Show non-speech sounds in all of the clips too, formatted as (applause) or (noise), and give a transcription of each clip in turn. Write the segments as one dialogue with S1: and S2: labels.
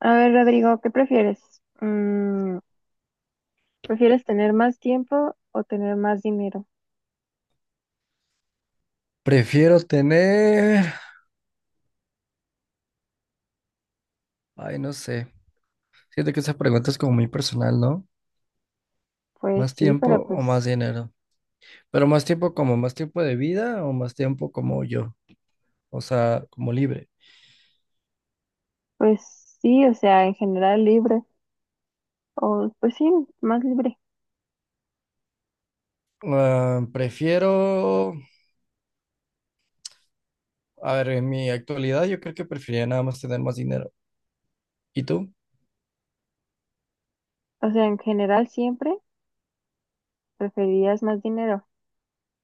S1: A ver, Rodrigo, ¿qué prefieres? Mm, ¿Prefieres tener más tiempo o tener más dinero?
S2: Prefiero tener, ay, no sé. Siento que esa pregunta es como muy personal, ¿no?
S1: Pues
S2: ¿Más
S1: sí,
S2: tiempo
S1: pero pues,
S2: o más dinero? Pero más tiempo como más tiempo de vida o más tiempo como yo, o sea, como libre.
S1: pues sí, o sea, en general libre, o pues sí, más libre.
S2: Ah, prefiero, a ver, en mi actualidad yo creo que preferiría nada más tener más dinero. ¿Y tú?
S1: O sea, en general siempre preferirías más dinero.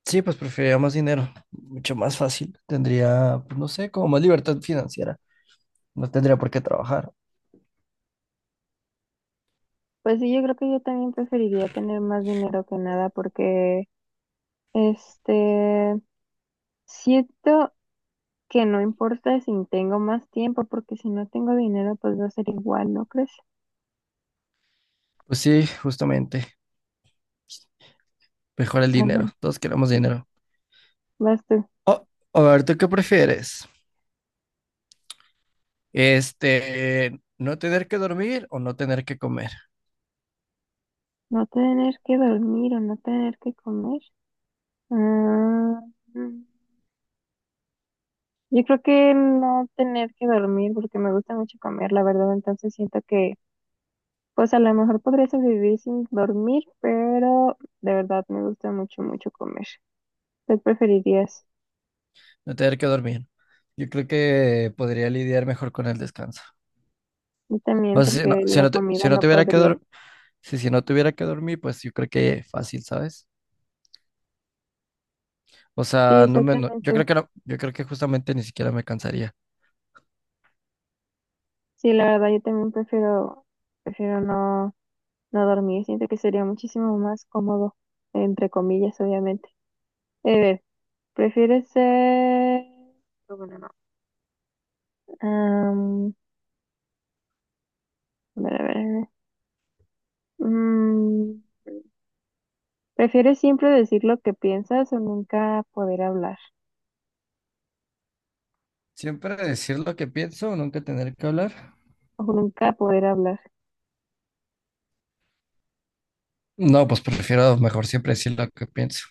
S2: Sí, pues preferiría más dinero, mucho más fácil. Tendría, pues no sé, como más libertad financiera. No tendría por qué trabajar.
S1: Pues sí, yo creo que yo también preferiría tener más dinero que nada porque, este, siento que no importa si tengo más tiempo, porque si no tengo dinero, pues va a ser igual, ¿no crees? (laughs)
S2: Pues sí, justamente, mejor el
S1: Ah,
S2: dinero.
S1: bueno,
S2: Todos queremos dinero.
S1: vas tú.
S2: O, a ver, ¿tú qué prefieres? Este, no tener que dormir o no tener que comer,
S1: No tener que dormir o no tener que comer. Ah, mm, yo creo que no tener que dormir porque me gusta mucho comer, la verdad. Entonces siento que, pues a lo mejor podría sobrevivir sin dormir, pero de verdad me gusta mucho, mucho comer. ¿Qué preferirías?
S2: no tener que dormir. Yo creo que podría lidiar mejor con el descanso.
S1: Yo también
S2: O sea,
S1: porque la comida
S2: si no
S1: no
S2: tuviera que
S1: podría.
S2: dormir, si no tuviera que dormir, pues yo creo que fácil, ¿sabes? O
S1: Sí,
S2: sea, no me, no- yo
S1: exactamente.
S2: creo que no, yo creo que justamente ni siquiera me cansaría.
S1: Sí, la verdad, yo también prefiero, prefiero no, no dormir. Siento que sería muchísimo más cómodo, entre comillas, obviamente. A ver, ¿prefieres ser... oh, bueno, no. Am, a ver, a ver, a ver. Mm, ¿prefieres siempre decir lo que piensas o nunca poder hablar?
S2: Siempre decir lo que pienso, nunca tener que hablar.
S1: O nunca poder hablar.
S2: No, pues prefiero mejor siempre decir lo que pienso,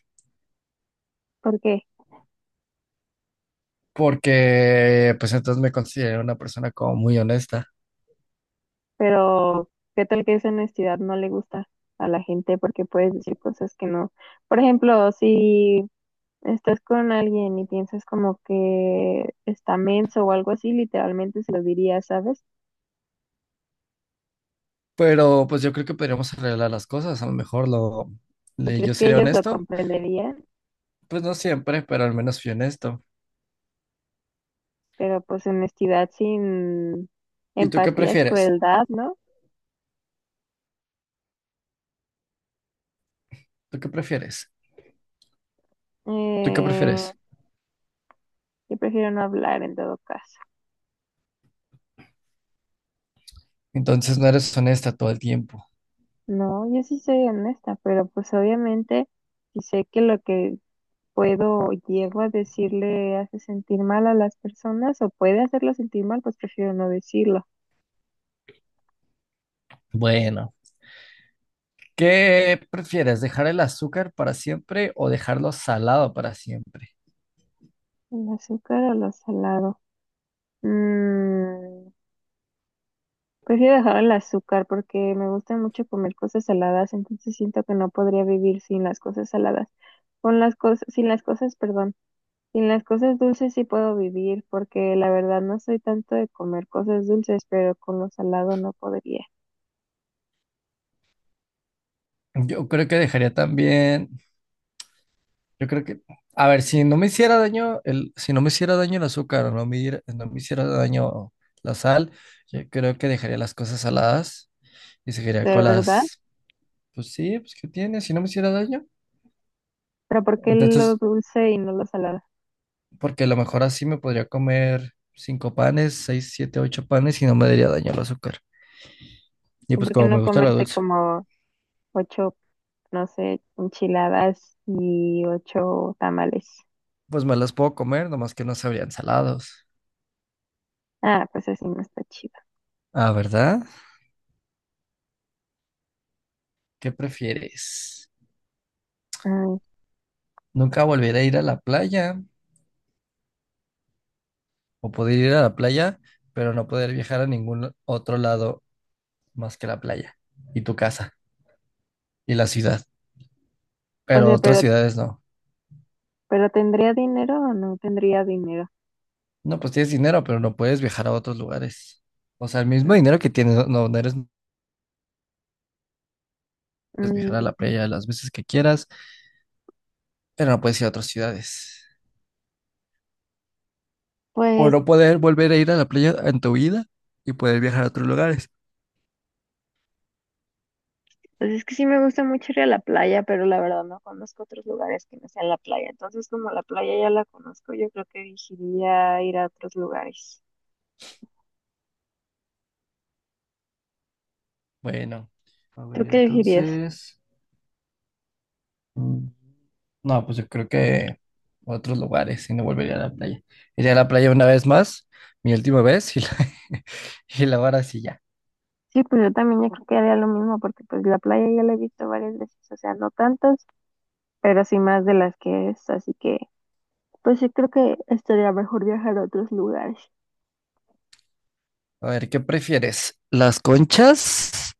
S1: ¿Por qué?
S2: porque pues entonces me considero una persona como muy honesta.
S1: Pero, ¿qué tal que esa honestidad no le gusta a la gente? Porque puedes decir cosas que no. Por ejemplo, si estás con alguien y piensas como que está menso o algo así, literalmente se lo dirías, ¿sabes?
S2: Pero pues yo creo que podríamos arreglar las cosas. A lo mejor lo,
S1: ¿Y
S2: le-
S1: crees
S2: Yo
S1: que
S2: seré
S1: ellos lo
S2: honesto.
S1: comprenderían?
S2: Pues no siempre, pero al menos fui honesto.
S1: Pero pues honestidad sin
S2: ¿Y tú qué
S1: empatía es
S2: prefieres?
S1: crueldad, ¿no?
S2: ¿Tú qué prefieres? ¿Tú qué
S1: Eh,
S2: prefieres?
S1: yo prefiero no hablar en todo caso.
S2: Entonces no eres honesta todo el tiempo.
S1: No, yo sí soy honesta, pero pues obviamente si sé que lo que puedo o llego a decirle hace sentir mal a las personas o puede hacerlo sentir mal, pues prefiero no decirlo.
S2: Bueno, ¿qué prefieres? ¿Dejar el azúcar para siempre o dejarlo salado para siempre?
S1: El azúcar o lo salado. Mm, Prefiero dejar el azúcar porque me gusta mucho comer cosas saladas, entonces siento que no podría vivir sin las cosas saladas. Con las cosas, sin las cosas, perdón, sin las cosas dulces sí puedo vivir porque la verdad no soy tanto de comer cosas dulces, pero con lo salado no podría.
S2: Yo creo que dejaría también, yo creo que, A ver, si no me hiciera daño el azúcar o no me hiciera daño la sal, yo creo que dejaría las cosas saladas. Y se quería
S1: De
S2: con
S1: verdad,
S2: las, pues sí, pues ¿qué tiene? Si no me hiciera daño.
S1: pero ¿por qué lo
S2: Entonces,
S1: dulce y no lo salado?
S2: porque a lo mejor así me podría comer cinco panes, seis, siete, ocho panes y no me daría daño el azúcar. Y
S1: ¿Y
S2: pues
S1: por qué
S2: como me
S1: no
S2: gusta la
S1: comerte
S2: dulce,
S1: como ocho, no sé, enchiladas y ocho tamales?
S2: pues me las puedo comer, nomás que no sabrían salados.
S1: Ah, pues así no está chido.
S2: Ah, ¿verdad? ¿Qué prefieres?
S1: Ay,
S2: ¿Nunca volver a ir a la playa? ¿O poder ir a la playa, pero no poder viajar a ningún otro lado más que la playa y tu casa y la ciudad?
S1: o
S2: Pero
S1: sea,
S2: otras
S1: pero
S2: ciudades no.
S1: pero ¿tendría dinero o no tendría dinero?
S2: No, pues tienes dinero, pero no puedes viajar a otros lugares. O sea, el mismo
S1: Mm,
S2: dinero que tienes, no puedes viajar a la
S1: mm,
S2: playa las veces que quieras, pero no puedes ir a otras ciudades. O
S1: Pues,
S2: no poder volver a ir a la playa en tu vida y poder viajar a otros lugares.
S1: pues es que sí me gusta mucho ir a la playa, pero la verdad no conozco otros lugares que no sean la playa. Entonces, como la playa ya la conozco, yo creo que elegiría ir a otros lugares.
S2: Bueno, a
S1: ¿Tú
S2: ver,
S1: qué elegirías?
S2: entonces... mm, no, pues yo creo que a otros lugares y no volvería a la playa. Iría a la playa una vez más, mi última vez, y la, (laughs) y la ahora sí ya.
S1: Sí, pues yo también yo creo que haría lo mismo, porque pues la playa ya la he visto varias veces, o sea, no tantas, pero sí más de las que es, así que pues sí creo que estaría mejor viajar a otros lugares.
S2: A ver, ¿qué prefieres? ¿Las conchas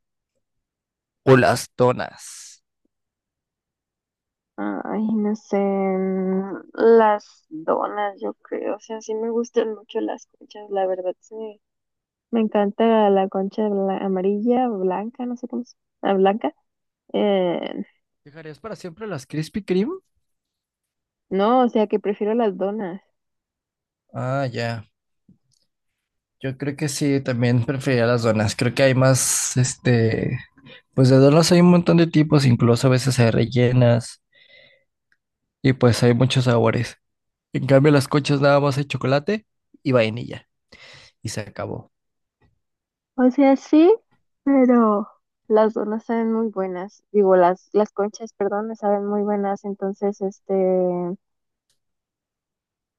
S2: o las donas?
S1: Ay, no sé, las donas, yo creo, o sea, sí me gustan mucho las conchas, la verdad, sí. Me encanta la concha amarilla, blanca, no sé cómo se blanca. Eh,
S2: ¿Dejarías para siempre las Krispy Kreme?
S1: no, o sea, que prefiero las donas.
S2: Ah, ya. Yo creo que sí, también preferiría las donas. Creo que hay más, pues de donas hay un montón de tipos, incluso a veces hay rellenas y pues hay muchos sabores. En cambio, las conchas nada más hay chocolate y vainilla y se acabó.
S1: O sea, sí, pero las donas saben muy buenas. Digo, las conchas, perdón, me saben muy buenas, entonces,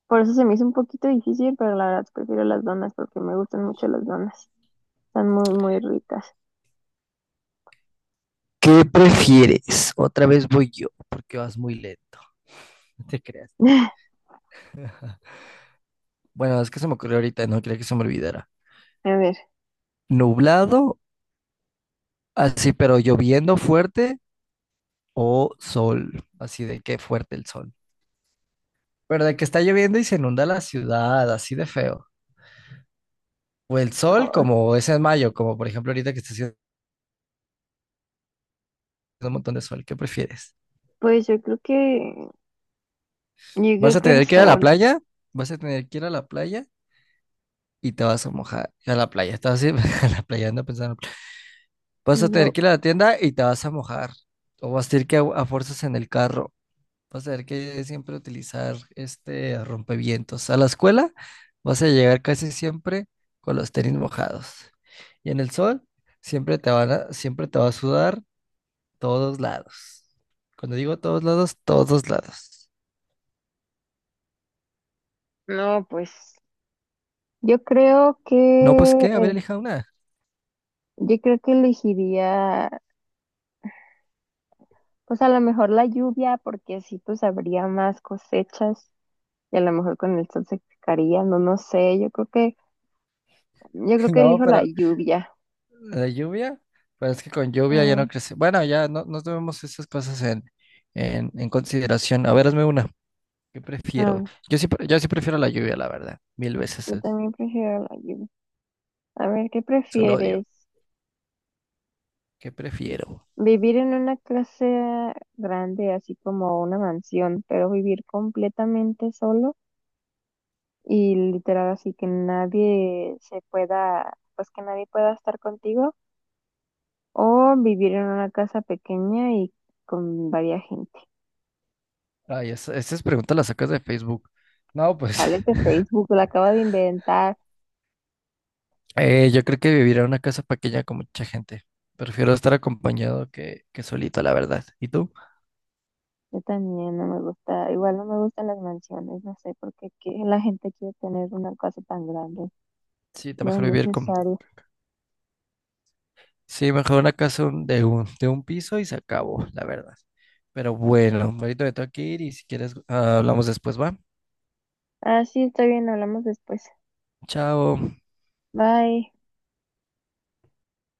S1: por eso se me hizo un poquito difícil, pero la verdad prefiero las donas porque me gustan mucho las donas. Están muy, muy ricas.
S2: ¿Qué prefieres? Otra vez voy yo, porque vas muy lento, no te creas.
S1: (laughs)
S2: (laughs) Bueno, es que se me ocurrió ahorita, no quería que se me olvidara.
S1: A ver.
S2: Nublado, así, pero lloviendo fuerte o sol, así de que fuerte el sol. Pero de que está lloviendo y se inunda la ciudad, así de feo. O el sol,
S1: Ay,
S2: como es en mayo, como por ejemplo ahorita que está haciendo un montón de sol, ¿qué prefieres?
S1: pues yo creo que, yo
S2: ¿Vas
S1: creo
S2: a
S1: que el
S2: tener que ir a la
S1: sol.
S2: playa? ¿Vas a tener que ir a la playa? Y te vas a mojar. A la playa, estás así, (laughs) a la playa, ando pensando. Vas a
S1: Y
S2: tener
S1: yo,
S2: que ir a la tienda y te vas a mojar. O vas a tener que a fuerzas en el carro. Vas a tener que siempre utilizar este rompevientos. A la escuela vas a llegar casi siempre con los tenis mojados. Y en el sol siempre te va a sudar todos lados. Cuando digo todos lados, todos lados.
S1: no, pues, yo creo que,
S2: No, pues qué, a ver
S1: eh,
S2: elija una.
S1: yo creo que elegiría, pues a lo mejor la lluvia, porque así pues habría más cosechas y a lo mejor con el sol se secaría, no, no sé, yo creo que, yo
S2: (laughs)
S1: creo que
S2: No,
S1: elijo la
S2: pero
S1: lluvia.
S2: la lluvia, pero es que con lluvia ya no
S1: Mm,
S2: crece. Bueno, ya no, no tomemos esas cosas en consideración. A ver, hazme una. ¿Qué
S1: a
S2: prefiero?
S1: ver,
S2: Yo sí prefiero la lluvia, la verdad. Mil veces
S1: yo
S2: el
S1: también prefiero la lluvia. A ver, ¿qué
S2: sol odio.
S1: prefieres?
S2: ¿Qué prefiero?
S1: Vivir en una clase grande, así como una mansión, pero vivir completamente solo y literal así que nadie se pueda, pues que nadie pueda estar contigo o vivir en una casa pequeña y con varia gente.
S2: Ay, estas preguntas las sacas de Facebook. No, pues
S1: Vale, que
S2: (laughs)
S1: Facebook lo acaba de inventar.
S2: yo creo que vivir en una casa pequeña con mucha gente. Prefiero estar acompañado que solito, la verdad. ¿Y tú?
S1: Yo también no me gusta, igual no me gustan las mansiones, no sé por qué que la gente quiere tener una casa tan grande,
S2: Sí, está
S1: no es
S2: mejor vivir con...
S1: necesario.
S2: Sí, mejor una casa de un piso y se acabó, la verdad. Pero bueno, ahorita me tengo que ir y si quieres hablamos después, ¿va?
S1: Ah, sí, está bien, hablamos después.
S2: Chao.
S1: Bye.